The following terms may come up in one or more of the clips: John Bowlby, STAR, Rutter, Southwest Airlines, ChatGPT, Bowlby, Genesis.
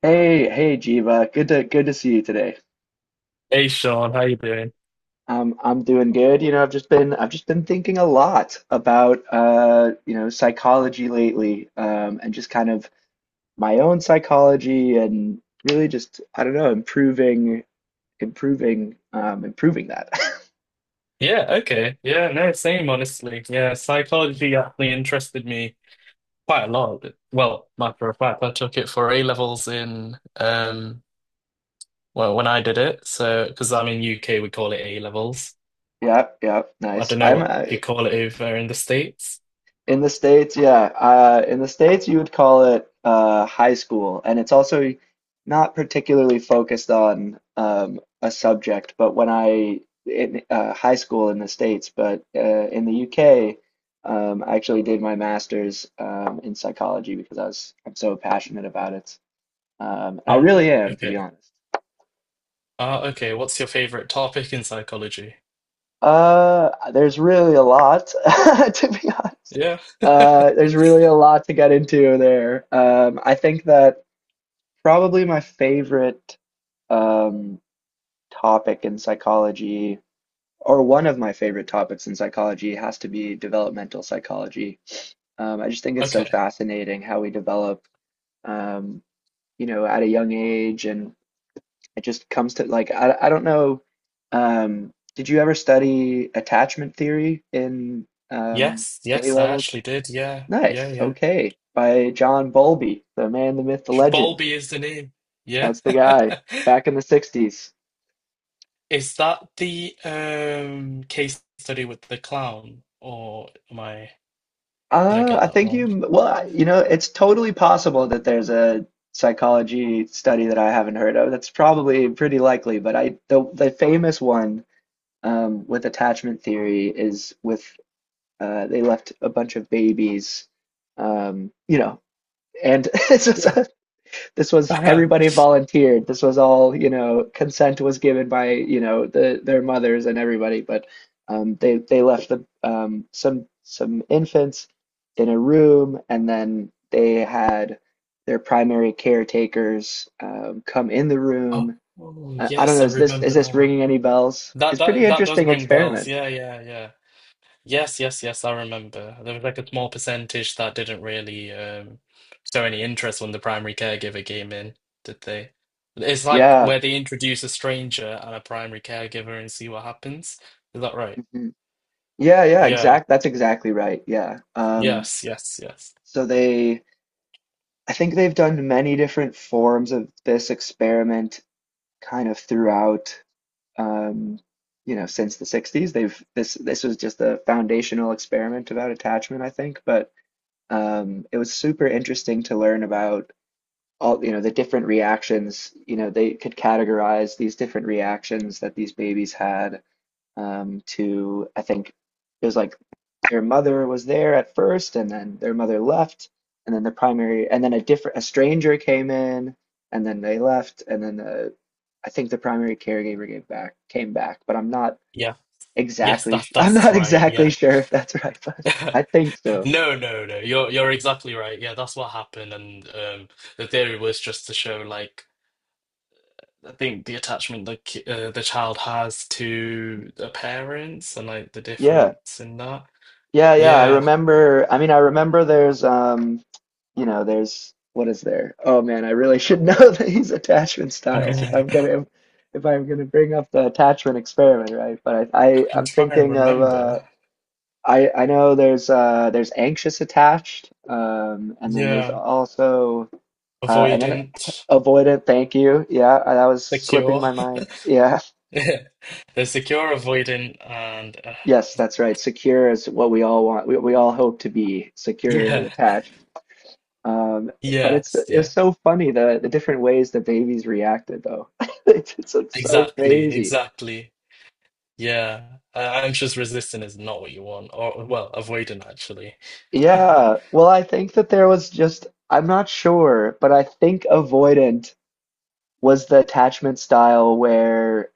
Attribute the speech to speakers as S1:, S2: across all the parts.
S1: Hey, hey, Jiva. Good to see you today.
S2: Hey Sean, how you doing?
S1: I'm doing good. You know, I've just been thinking a lot about you know, psychology lately, and just kind of my own psychology and really just I don't know, improving, improving, improving that.
S2: Yeah, okay. Yeah, no, same honestly. Yeah, psychology actually interested me quite a lot. Well, matter of fact, I took it for A levels in well when I did it. So because I'm in UK we call it A levels.
S1: Yeah, yeah,
S2: I
S1: nice.
S2: don't know
S1: I'm
S2: what you call it over in the States.
S1: in the States, yeah. In the States, you would call it high school, and it's also not particularly focused on a subject. But when I in high school in the States, but in the UK, I actually did my master's in psychology because I'm so passionate about it. I
S2: Oh,
S1: really am, to be
S2: okay.
S1: honest.
S2: Ah, okay. What's your favorite topic in psychology?
S1: There's really a lot, to be honest.
S2: Yeah.
S1: There's really a lot to get into there. I think that probably my favorite um, topic in psychology, or one of my favorite topics in psychology, has to be developmental psychology. I just think it's so
S2: Okay.
S1: fascinating how we develop, um, you know, at a young age, and it just comes to like I don't know. Did you ever study attachment theory in um,
S2: Yes,
S1: A
S2: yes, I
S1: levels?
S2: actually did. Yeah, yeah,
S1: Nice.
S2: yeah.
S1: Okay. By John Bowlby, the man, the myth, the legend.
S2: Bowlby is the name. Yeah.
S1: That's the guy back in the 60s.
S2: Is that the case study with the clown, or did I get
S1: I
S2: that
S1: think
S2: wrong?
S1: you, well, you know, it's totally possible that there's a psychology study that I haven't heard of. That's probably pretty likely, but the famous one, with attachment theory is with, they left a bunch of babies, you know, and it's just,
S2: Yeah.
S1: this was everybody volunteered. This was all, you know, consent was given by, you know, their mothers and everybody, but they left the some infants in a room, and then they had their primary caretakers come in the room.
S2: Oh,
S1: I don't
S2: yes,
S1: know,
S2: I
S1: is this is
S2: remember
S1: this
S2: now.
S1: ringing any bells?
S2: That
S1: It's a pretty
S2: that that does
S1: interesting
S2: ring bells.
S1: experiment.
S2: Yeah, yeah, yeah. Yes, yes, yes, I remember. There was like a small percentage that didn't really show any interest when the primary caregiver came in, did they? It's like
S1: Yeah.
S2: where they introduce a stranger and a primary caregiver and see what happens. Is that right?
S1: Mhm. Yeah, yeah,
S2: Yeah.
S1: exact. that's exactly right. Yeah. Um,
S2: Yes, yes, yes.
S1: so they I think they've done many different forms of this experiment kind of throughout, um, you know, since the 60s. They've this was just a foundational experiment about attachment, I think, but it was super interesting to learn about all, you know, the different reactions. You know, they could categorize these different reactions that these babies had to I think it was like their mother was there at first, and then their mother left, and then a different a stranger came in, and then they left, and then the I think the primary caregiver gave back came back, but I'm not
S2: Yeah. Yes,
S1: exactly
S2: that's
S1: sh I'm
S2: that's
S1: not
S2: right.
S1: exactly
S2: Yeah.
S1: sure if that's right, but I think so.
S2: No, no, no. You're exactly right. Yeah, that's what happened, and the theory was just to show, like, I think the attachment the child has to the parents and like the
S1: Yeah,
S2: difference in that.
S1: yeah, yeah. I
S2: Yeah,
S1: remember. I mean, I remember there's you know, there's what is there? Oh man, I really should know these attachment styles if I'm
S2: I
S1: gonna bring up the attachment experiment, right? But I, I
S2: can
S1: I'm
S2: try and
S1: thinking of
S2: remember.
S1: I know there's anxious attached, and then there's
S2: Yeah,
S1: also and then
S2: avoidant,
S1: avoidant. Thank you. Yeah, that was slipping
S2: secure.
S1: my mind. Yeah,
S2: They're secure, avoidant, and.
S1: yes, that's right. Secure is what we all want. We all hope to be securely
S2: Yeah,
S1: attached. Um, but
S2: yes,
S1: it's
S2: yeah,
S1: so funny the different ways that babies reacted though. It's like so
S2: exactly,
S1: crazy.
S2: exactly. Yeah, anxious resistant is not what you want, or well, avoidant actually.
S1: Yeah. Well, I think that there was just I'm not sure, but I think avoidant was the attachment style where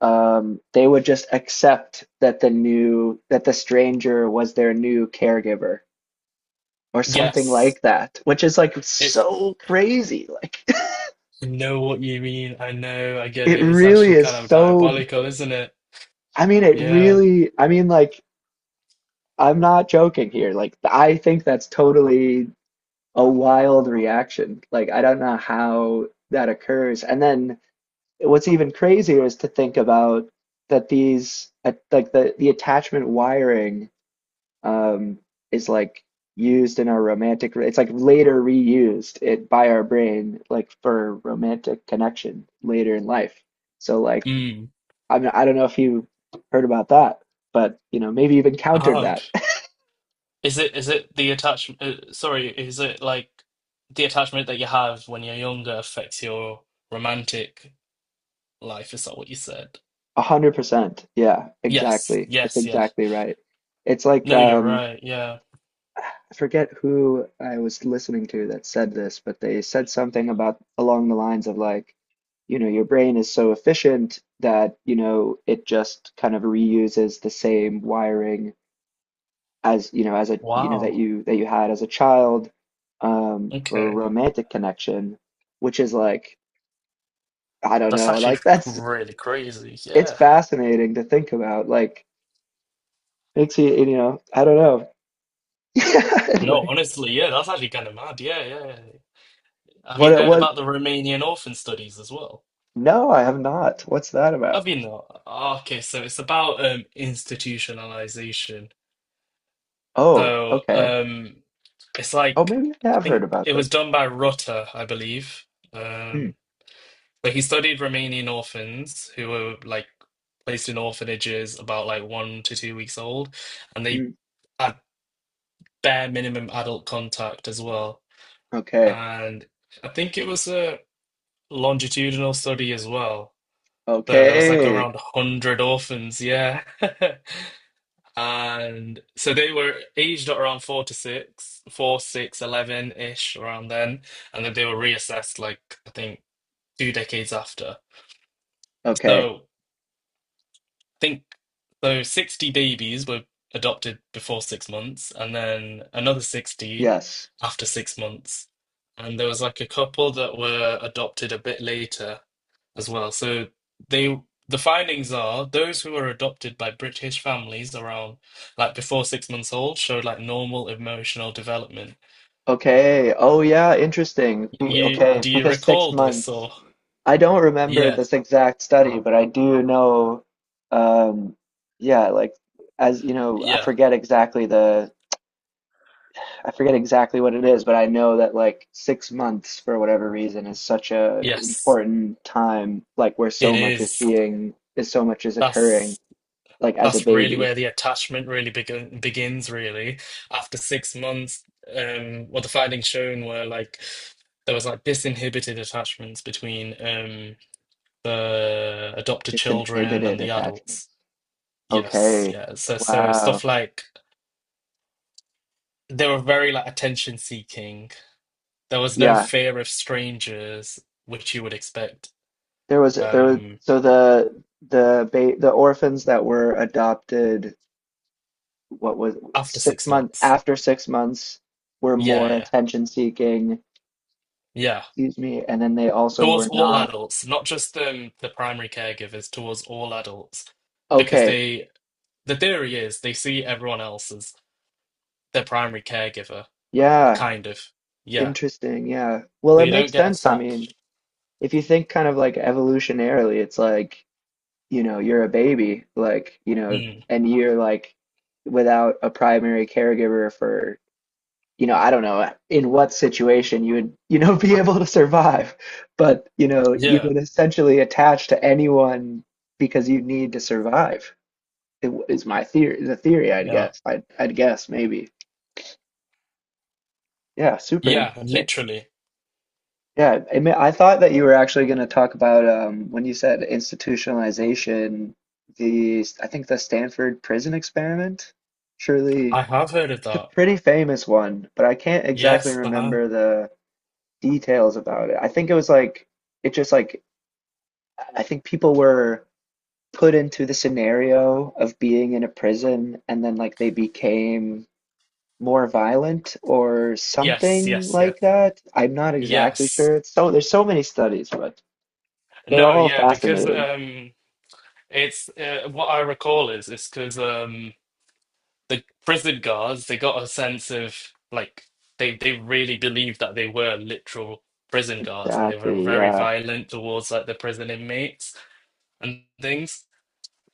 S1: they would just accept that the stranger was their new caregiver or something
S2: Yes,
S1: like that, which is like
S2: it,
S1: so crazy. Like
S2: I know what you mean. I know, I get it.
S1: it
S2: It's
S1: really
S2: actually kind
S1: is
S2: of
S1: so
S2: diabolical, isn't it?
S1: I mean, it
S2: Yeah.
S1: really, I mean, like I'm not joking here. Like, I think that's totally a wild reaction. Like, I don't know how that occurs. And then what's even crazier is to think about that these, like the attachment wiring, um, is like used in our romantic. It's like later reused it by our brain, like for romantic connection later in life. So like,
S2: Mm.
S1: I don't know if you heard about that, but you know, maybe you've encountered
S2: Ah,
S1: that.
S2: is it the attachment? Sorry, is it like the attachment that you have when you're younger affects your romantic life? Is that what you said?
S1: 100%. Yeah,
S2: Yes,
S1: exactly. It's
S2: yes, yeah.
S1: exactly right. It's like
S2: No, you're right. Yeah.
S1: I forget who I was listening to that said this, but they said something about along the lines of like, you know, your brain is so efficient that, you know, it just kind of reuses the same wiring as, you know, as a, you know, that
S2: Wow.
S1: you that you had as a child for
S2: Okay.
S1: romantic connection, which is like, I don't
S2: That's
S1: know,
S2: actually
S1: like that's
S2: really crazy.
S1: it's
S2: Yeah.
S1: fascinating to think about. Like makes you, you know, I don't know. Yeah,
S2: No,
S1: anyway.
S2: honestly, yeah, that's actually kind of mad. Yeah, yeah. Have you
S1: What
S2: heard
S1: what
S2: about the Romanian orphan studies as well?
S1: No, I have not. What's that about?
S2: Have you not? Oh, okay, so it's about institutionalization.
S1: Oh,
S2: So
S1: okay.
S2: um it's
S1: Oh,
S2: like
S1: maybe I
S2: I
S1: have heard
S2: think
S1: about
S2: it was
S1: this.
S2: done by Rutter, I believe.
S1: Hmm.
S2: Um so he studied Romanian orphans who were like placed in orphanages about like 1 to 2 weeks old, and they
S1: Hmm.
S2: had bare minimum adult contact as well.
S1: Okay.
S2: And I think it was a longitudinal study as well. So there was like
S1: Okay.
S2: around 100 orphans, yeah. And so they were aged at around 4 to 6, four, six, 11 6, 11-ish around then. And then they were reassessed, like, I think, 2 decades after.
S1: Okay.
S2: So I think so 60 babies were adopted before 6 months, and then another 60
S1: Yes.
S2: after 6 months. And there was like a couple that were adopted a bit later as well. So they the findings are those who were adopted by British families around, like, before 6 months old showed like normal emotional development.
S1: Okay. Oh yeah, interesting. Be-
S2: You
S1: Okay,
S2: Do you
S1: because six
S2: recall this,
S1: months.
S2: or
S1: I don't remember
S2: yeah,
S1: this exact study, but I do know um yeah, like as you know, I
S2: yeah,
S1: forget exactly the I forget exactly what it is, but I know that like 6 months for whatever reason is such a
S2: yes,
S1: important time, like where so
S2: it
S1: much is
S2: is.
S1: being is so much is occurring,
S2: That's
S1: like as a
S2: that's really
S1: baby.
S2: where the attachment really begins really. After 6 months, what the findings shown were like there was like disinhibited attachments between the adopted children
S1: Disinhibited
S2: and the adults.
S1: attachments.
S2: Yes,
S1: Okay.
S2: yeah. So
S1: Wow.
S2: stuff like they were very like attention seeking. There was no
S1: Yeah.
S2: fear of strangers, which you would expect
S1: There was
S2: um
S1: so the orphans that were adopted what was
S2: after
S1: six
S2: six
S1: months
S2: months.
S1: after 6 months were more
S2: Yeah, yeah,
S1: attention seeking,
S2: yeah.
S1: excuse me, and then they also
S2: Towards
S1: were
S2: all
S1: not
S2: adults, not just the primary caregivers, towards all adults, because
S1: okay.
S2: the theory is they see everyone else as their primary caregiver,
S1: Yeah,
S2: kind of. Yeah.
S1: interesting, yeah. Well,
S2: So
S1: it
S2: you don't
S1: makes
S2: get
S1: sense. I mean,
S2: attached.
S1: if you think kind of like evolutionarily, it's like, you know, you're a baby, like, you know,
S2: Mm.
S1: and you're like without a primary caregiver for, you know, I don't know in what situation you would, you know, be able to survive. But, you know, you
S2: Yeah,
S1: would essentially attach to anyone because you need to survive. Is my theory, the theory, I'd
S2: yeah,
S1: guess. I'd guess maybe. Yeah, super
S2: yeah.
S1: interesting.
S2: Literally,
S1: Yeah, I mean, I thought that you were actually going to talk about when you said institutionalization, the I think the Stanford prison experiment. Surely
S2: I have heard of
S1: it's
S2: that.
S1: a pretty famous one, but I can't exactly
S2: Yes, I have.
S1: remember the details about it. I think it was like it just like I think people were put into the scenario of being in a prison and then like they became more violent or
S2: Yes,
S1: something
S2: yes,
S1: like
S2: yes,
S1: that. I'm not exactly
S2: yes.
S1: sure. It's so there's so many studies, but they're
S2: No,
S1: all
S2: yeah, because
S1: fascinating.
S2: it's what I recall is because the prison guards they got a sense of, like, they really believed that they were literal prison guards and they were
S1: Exactly.
S2: very
S1: Yeah.
S2: violent towards like the prison inmates and things.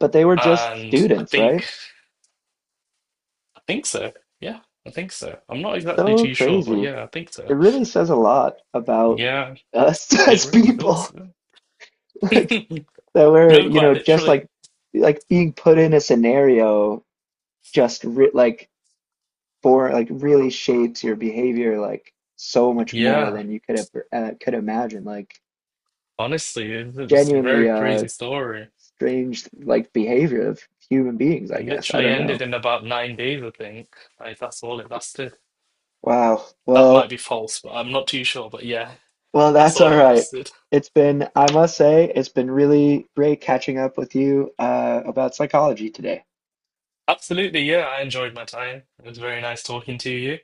S1: But they were just
S2: And I
S1: students,
S2: think
S1: right?
S2: I think so. Yeah, I think so. I'm not exactly
S1: So
S2: too sure, but
S1: crazy.
S2: yeah, I think so.
S1: It really says a lot about
S2: Yeah,
S1: us
S2: it
S1: as
S2: really
S1: people.
S2: does.
S1: Like that we're,
S2: No,
S1: you
S2: quite
S1: know, just
S2: literally.
S1: like being put in a scenario just re like for like really shapes your behavior like so much more
S2: Yeah.
S1: than you could ever could imagine. Like
S2: Honestly, it was a very
S1: genuinely
S2: crazy story.
S1: strange like behavior of human beings,
S2: It
S1: I guess. I
S2: literally
S1: don't
S2: ended
S1: know.
S2: in about 9 days, I think. Like that's all it lasted.
S1: Wow.
S2: That might
S1: Well,
S2: be false, but I'm not too sure. But yeah,
S1: well,
S2: that's
S1: that's
S2: all
S1: all
S2: it
S1: right.
S2: lasted.
S1: It's been, I must say, it's been really great catching up with you about psychology today.
S2: Absolutely, yeah, I enjoyed my time. It was very nice talking to you.